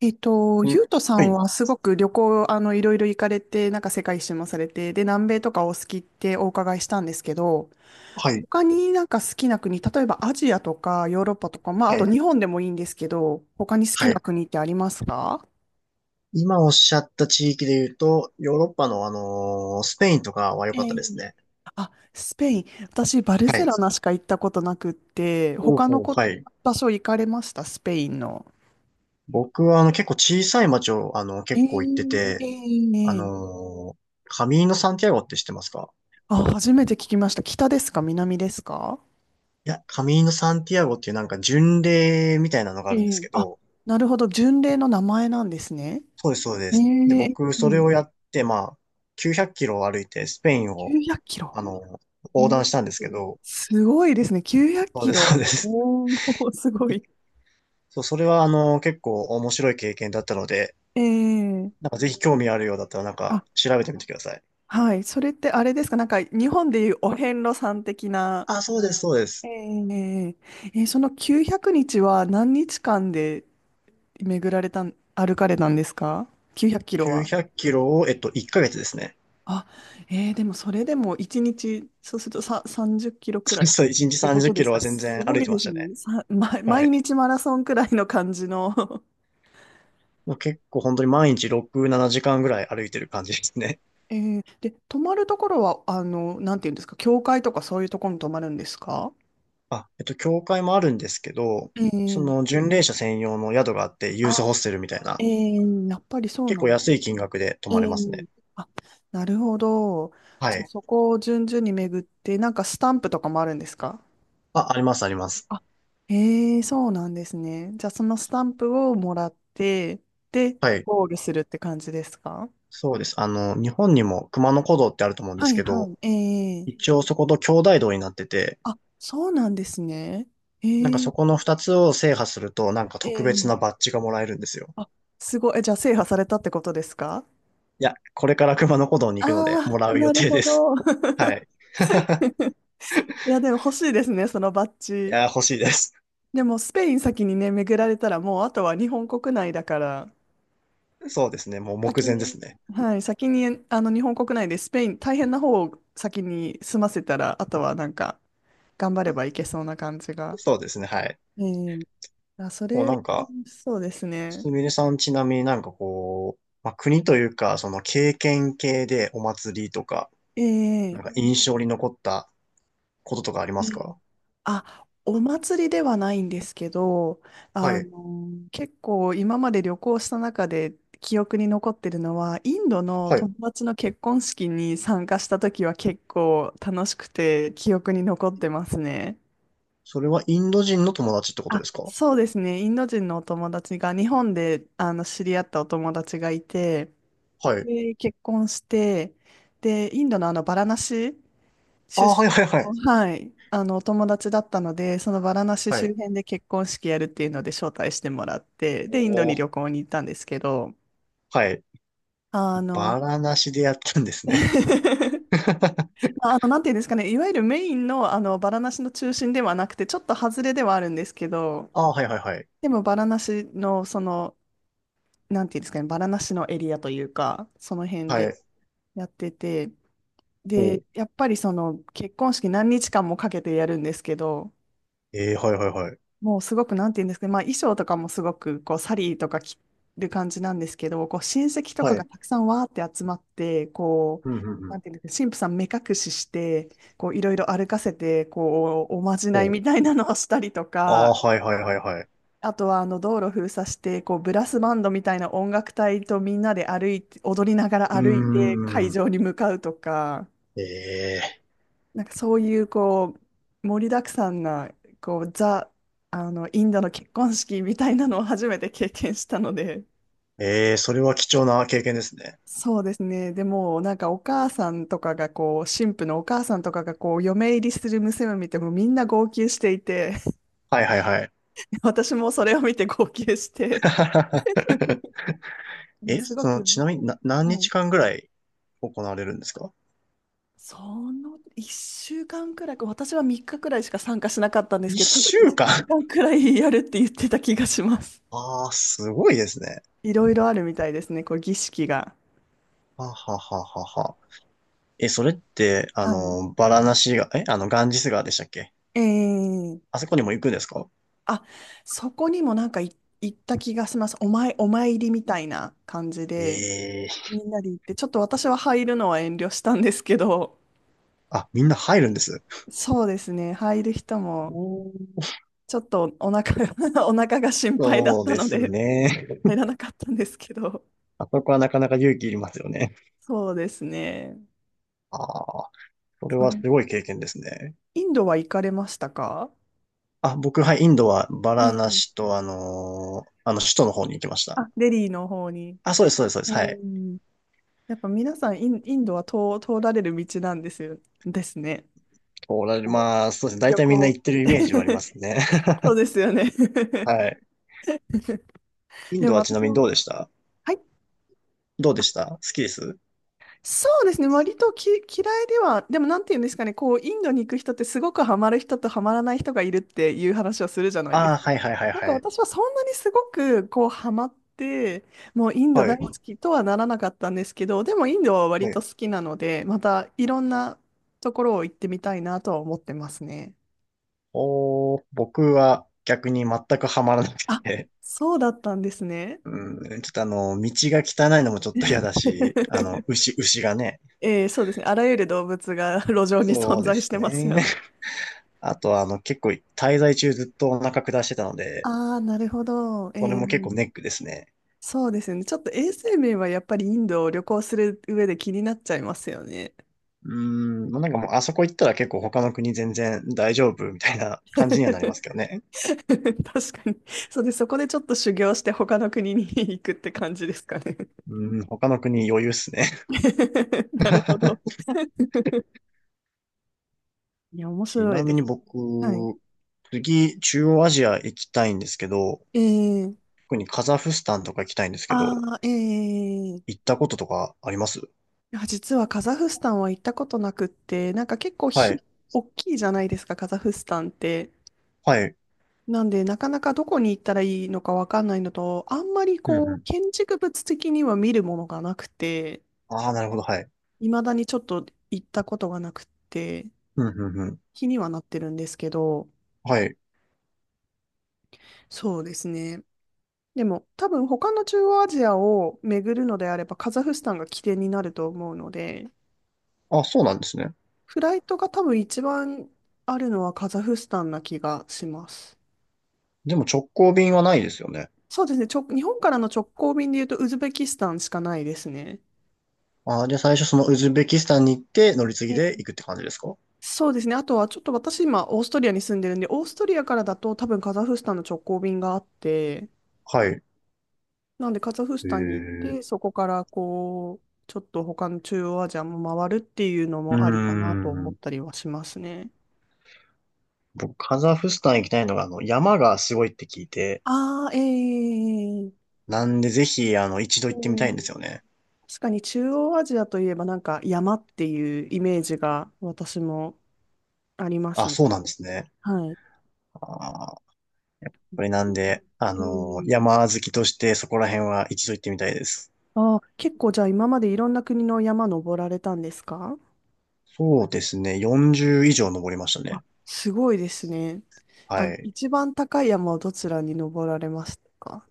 うゆんうとさはんい、はすごく旅行、いろいろ行かれて、なんか世界一周もされて、で、南米とかお好きってお伺いしたんですけど、はい、他になんか好きな国、例えばアジアとかヨーロッパとか、まあ、あはとい。日本でもいいんですけど、他に好きはない。国ってありますか？今おっしゃった地域で言うと、ヨーロッパのスペインとかは良え、かったですね。あ、スペイン。私、バルはセい。ロナしか行ったことなくって、おう他のほう。こ、はい。場所行かれましたスペインの？僕は結構小さい町をえ結構行ってーえて、ーあええ。のーカミーノ・サンティアゴって知ってますか？あ、初めて聞きました。北ですか？南ですか？いや、カミーノ・サンティアゴっていうなんか巡礼みたいなのがえあるんですえ、けあ、ど、なるほど。巡礼の名前なんですね。そうです、そうでえす。で、え。僕うそれん。をやって、まあ、900キロを歩いてスペインを、900キロ。あの横お断しー、たんですけど、すごいですね。900キそうです、ロ。そうです。おお、すご い。そう、それは結構面白い経験だったので、ええ。なんかぜひ興味あるようだったらなんあ、か調べてみてください。はい。それってあれですか？なんか日本でいうお遍路さん的な。あ、そうです、そうでえす。ええ、その900日は何日間で、巡られたん、歩かれたんですか？ 900 キロ900は。キロを、1ヶ月ですね。あ、でもそれでも1日、そうするとさ、30キロくら いっそう1日てこ30とキですロか。は全す然歩ごいいてでましすたね。ね。は毎い。日マラソンくらいの感じの もう結構本当に毎日6、7時間ぐらい歩いてる感じですね。で、泊まるところは、なんていうんですか、教会とかそういうところに泊まるんですか？あ、教会もあるんですけど、えそー、の巡礼者専用の宿があって、ユースあ、ホステルみたいな、やっぱりそう結な構んだ。安い金額で泊えまれますー、ね。なるほど。はじゃあい。そこを順々に巡って、なんかスタンプとかもあるんですか？あ、あります、あります。あ、へえ、そうなんですね。じゃあ、そのスタンプをもらって、で、はい。ゴールするって感じですか？そうです。日本にも熊野古道ってあると思うんではすいけはど、い。ええ、一応そこと兄弟道になってて、あ、そうなんですね。なんえかえそこの二つを制覇すると、なんか特別えなえ、バッジがもらえるんですよ。あ、すごい。え、じゃあ、制覇されたってことですか？いや、これから熊野古道にあ行くので、あもらー、う予なる定ほです。ど。はい。いや、でも欲しいですね、そのバッいジ。や、欲しいです。でも、スペイン先にね、巡られたら、もう、あとは日本国内だから、そうですね。もう目先前ですに、ね。はい、先に、日本国内でスペイン、大変な方を先に済ませたら、あとはなんか、頑張ればいけそうな感じが。そうですね。はい。ええ、あ、そこうなれ、んか、そうですね。すみれさんちなみになんかこう、まあ、国というか、その経験系でお祭りとか、なえんかえ印象に残ったこととかありまえすえ、か？あ、お祭りではないんですけど、はい。結構今まで旅行した中で記憶に残ってるのは、インドのはい。友達の結婚式に参加した時は結構楽しくて記憶に残ってますね。それはインド人の友達ってことであ、すか？そうですね。インド人のお友達が日本で知り合ったお友達がいて、はい。で、結婚して、で、インドのバラナシあ出あ、はい身はいはい。の、はい、お友達だったので、そのバラナシは周い。辺で結婚式やるっていうので招待してもらって、おで、インドにお、旅行に行ったんですけど、はい。あの、バラなしでやったんですね。まあの、なんていうんですかね、いわゆるメインの、バラナシの中心ではなくて、ちょっと外れではあるんですけど、ああ、はいはいはい。でも、バラナシの、なんていうんですかね、バラナシのエリアというか、その辺はでい。やってて、おで、う。やっぱりその結婚式何日間もかけてやるんですけど、ええ、はいはいはい。もうすごくなんて言うんですかね、まあ衣装とかもすごくこうサリーとか着る感じなんですけど、こう親戚とかはがい。たくさんわーって集まって、こうう、んうんうなんん。ていうんですかね、神父さん目隠しして、こういろいろ歩かせて、こうおまじないおう。みたいなのをしたりとあか、あ、はいはいはいはい。あとは道路封鎖して、こうブラスバンドみたいな音楽隊とみんなで歩いて、踊りながらうー歩いて会ん。場に向かうとか、ええ、なんかそういうこう盛りだくさんなこうザあのインドの結婚式みたいなのを初めて経験したので。ええ、それは貴重な経験ですね。そうですね。でもなんかお母さんとかがこう新婦のお母さんとかがこう嫁入りする娘を見てもみんな号泣していて はいはいはい。私もそれを見て号泣して もうえ、すごそく、の、ちなみにな、何は日い、間ぐらい行われるんですか？その1週間くらい私は3日くらいしか参加しなかったんです一けど、多分週1間。 週 間くらいやるって言ってた気がします。ああ、すごいですね。いろいろあるみたいですね、こう儀式が。はははははは。え、それって、はい。バラナシが…え、ガンジス川でしたっけ？ええ、あそこにも行くんですか？あ、そこにもなんか行った気がします。お参りみたいな感じえで、えー、みんなで行って、ちょっと私は入るのは遠慮したんですけど、あ、みんな入るんです。そうですね、入る人も、おー、ちょっとお腹が お腹が心配だっそうたでのすで、ね。入らなかったんですけど、あそこはなかなか勇気いりますよね。そうですね。ああ、それそはすれ、ごい経験ですね。インドは行かれましたか？あ、僕、はい、インドはバラナえシえ、と、首都の方に行きました。あ、デリーの方に。あ、そうです、そうです、そうでえす。はえ。い。やっぱ皆さんインドは通られる道なんですよ、ですね。おられ、こまあ、そうですね。う大旅体みんな行。行ってるイメージはありま すね。そうですよね。はい。インでドもはちな私みにも、どうでした？はい、どうでした？好きです？そうですね、割と嫌いでは、でもなんていうんですかね、こう、インドに行く人ってすごくハマる人とハマらない人がいるっていう話をするじゃないであすあー、か。はい、はい、はい、なんかはい。私はそんなにすごくこう、ハマって、もうインドは大い。好きとはならなかったんですけど、でもインドはは割とい。好きなので、またいろんなところを行ってみたいなとは思ってますね。おー、僕は逆に全くハマらなくあ、て、そうだったんですね。うん、ちょっと道が汚いのもちょっと嫌だし、牛、牛がね。そうですね。あらゆる動物が 路上にそ存うで在しすてますよね。ね。あとは結構滞在中ずっとお腹下してたので、ああ、なるほど。それも結構ネックですね。そうですよね。ちょっと衛生面はやっぱりインドを旅行する上で気になっちゃいますよね。うん、なんかもうあそこ行ったら結構他の国全然大丈夫みたいな 感じにはな確りかますけどね。に。そうで、そこでちょっと修行して他の国に 行くって感じですかね。うん、他の国余裕っすね。なるほど。いや、面ち白ないみでにす。はい。僕、次、中央アジア行きたいんですけど、えー、特にカザフスタンとか行きたいんですけど、ああ、ええ、行ったこととかあります？いや、実はカザフスタンは行ったことなくって、なんか結構はい。大きいじゃないですか、カザフスタンって。はい。なんで、なかなかどこに行ったらいいのかわかんないのと、あんまりうんうこう、ん。建築物的には見るものがなくて、ああ、なるほど。はい。未だにちょっと行ったことがなくって、うん、うん、うん。気にはなってるんですけど、はい。そうですね。でも、多分他の中央アジアを巡るのであれば、カザフスタンが起点になると思うので、あ、そうなんですね。フライトが多分一番あるのはカザフスタンな気がします。でも直行便はないですよね。そうですね。日本からの直行便で言うと、ウズベキスタンしかないですね。ああ、じゃあ最初そのウズベキスタンに行って乗り継えぎでえ、行くって感じですか？そうですね。あとは、ちょっと私今、オーストリアに住んでるんで、オーストリアからだと多分カザフスタンの直行便があって、はい。なんでカザフスえタンに行っー、て、そこからこう、ちょっと他の中央アジアも回るっていうのうーもありかなと思っん。たりはしますね。僕、カザフスタン行きたいのが、山がすごいって聞いて、ああ、ええ、なんでぜひ、一度う行ってみたいんでん、すよね。確かに中央アジアといえばなんか山っていうイメージが私もありますあ、ね。そうなんですね。はい。あー、これなんで、うん、山好きとしてそこら辺は一度行ってみたいです。ああ、結構じゃあ今までいろんな国の山登られたんですか？そうですね、40以上登りましたあ、ね。すごいですね。あ、はい。一番高い山をどちらに登られましたか？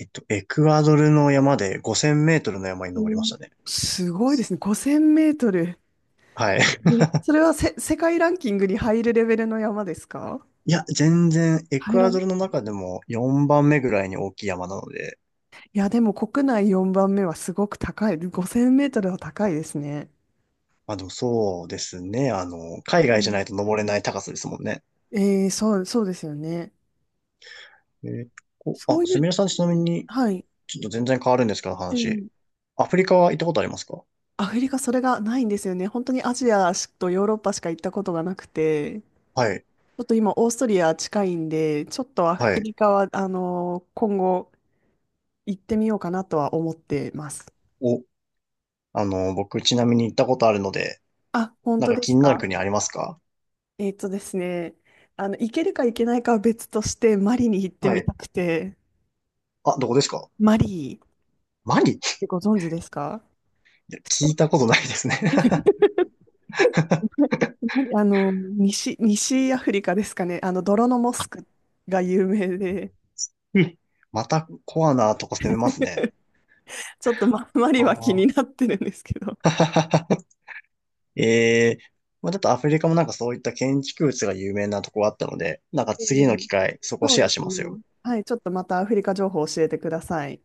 エクアドルの山で5000メートルの山にお登りましー、たね。すごいですね。5000メートル。はい。え、それは世界ランキングに入るレベルの山ですか？いや、全然、エ入クらアん。ドいルの中でも4番目ぐらいに大きい山なので、や、でも国内4番目はすごく高い。5000メートルは高いですね。まあでもそうですね、海う外じゃないん、と登れない高さですもんね。そうですよね。えー、こそあ、うすいう、みれさんちなみに、はい。ちょっと全然変わるんですけど話。ええ、アフリカは行ったことありますか？アフリカそれがないんですよね。本当にアジアとヨーロッパしか行ったことがなくて、ちはい、ょっと今オーストリア近いんで、ちょっとアはフい。リカは、今後行ってみようかなとは思ってます。お、僕ちなみに行ったことあるので、あ、本なん当かで気すになるか？国ありますか？えっとですね、行けるか行けないかは別として、マリに行ってはみい。たくて、あ、どこですか？マリっマリ、いてご存知ですか？や、聞下 いたことないですね。マリ西アフリカですかね。泥のモスクが有名で、うん、またコアなとこ攻めますね。ちょっとマリあは気にあ。なってるんですけど。ええ、まあ、ちょっとアフリカもなんかそういった建築物が有名なとこあったので、なんかう次の機ん、会、そこそうシェでアしすますね。よ。はい、ちょっとまたアフリカ情報教えてください。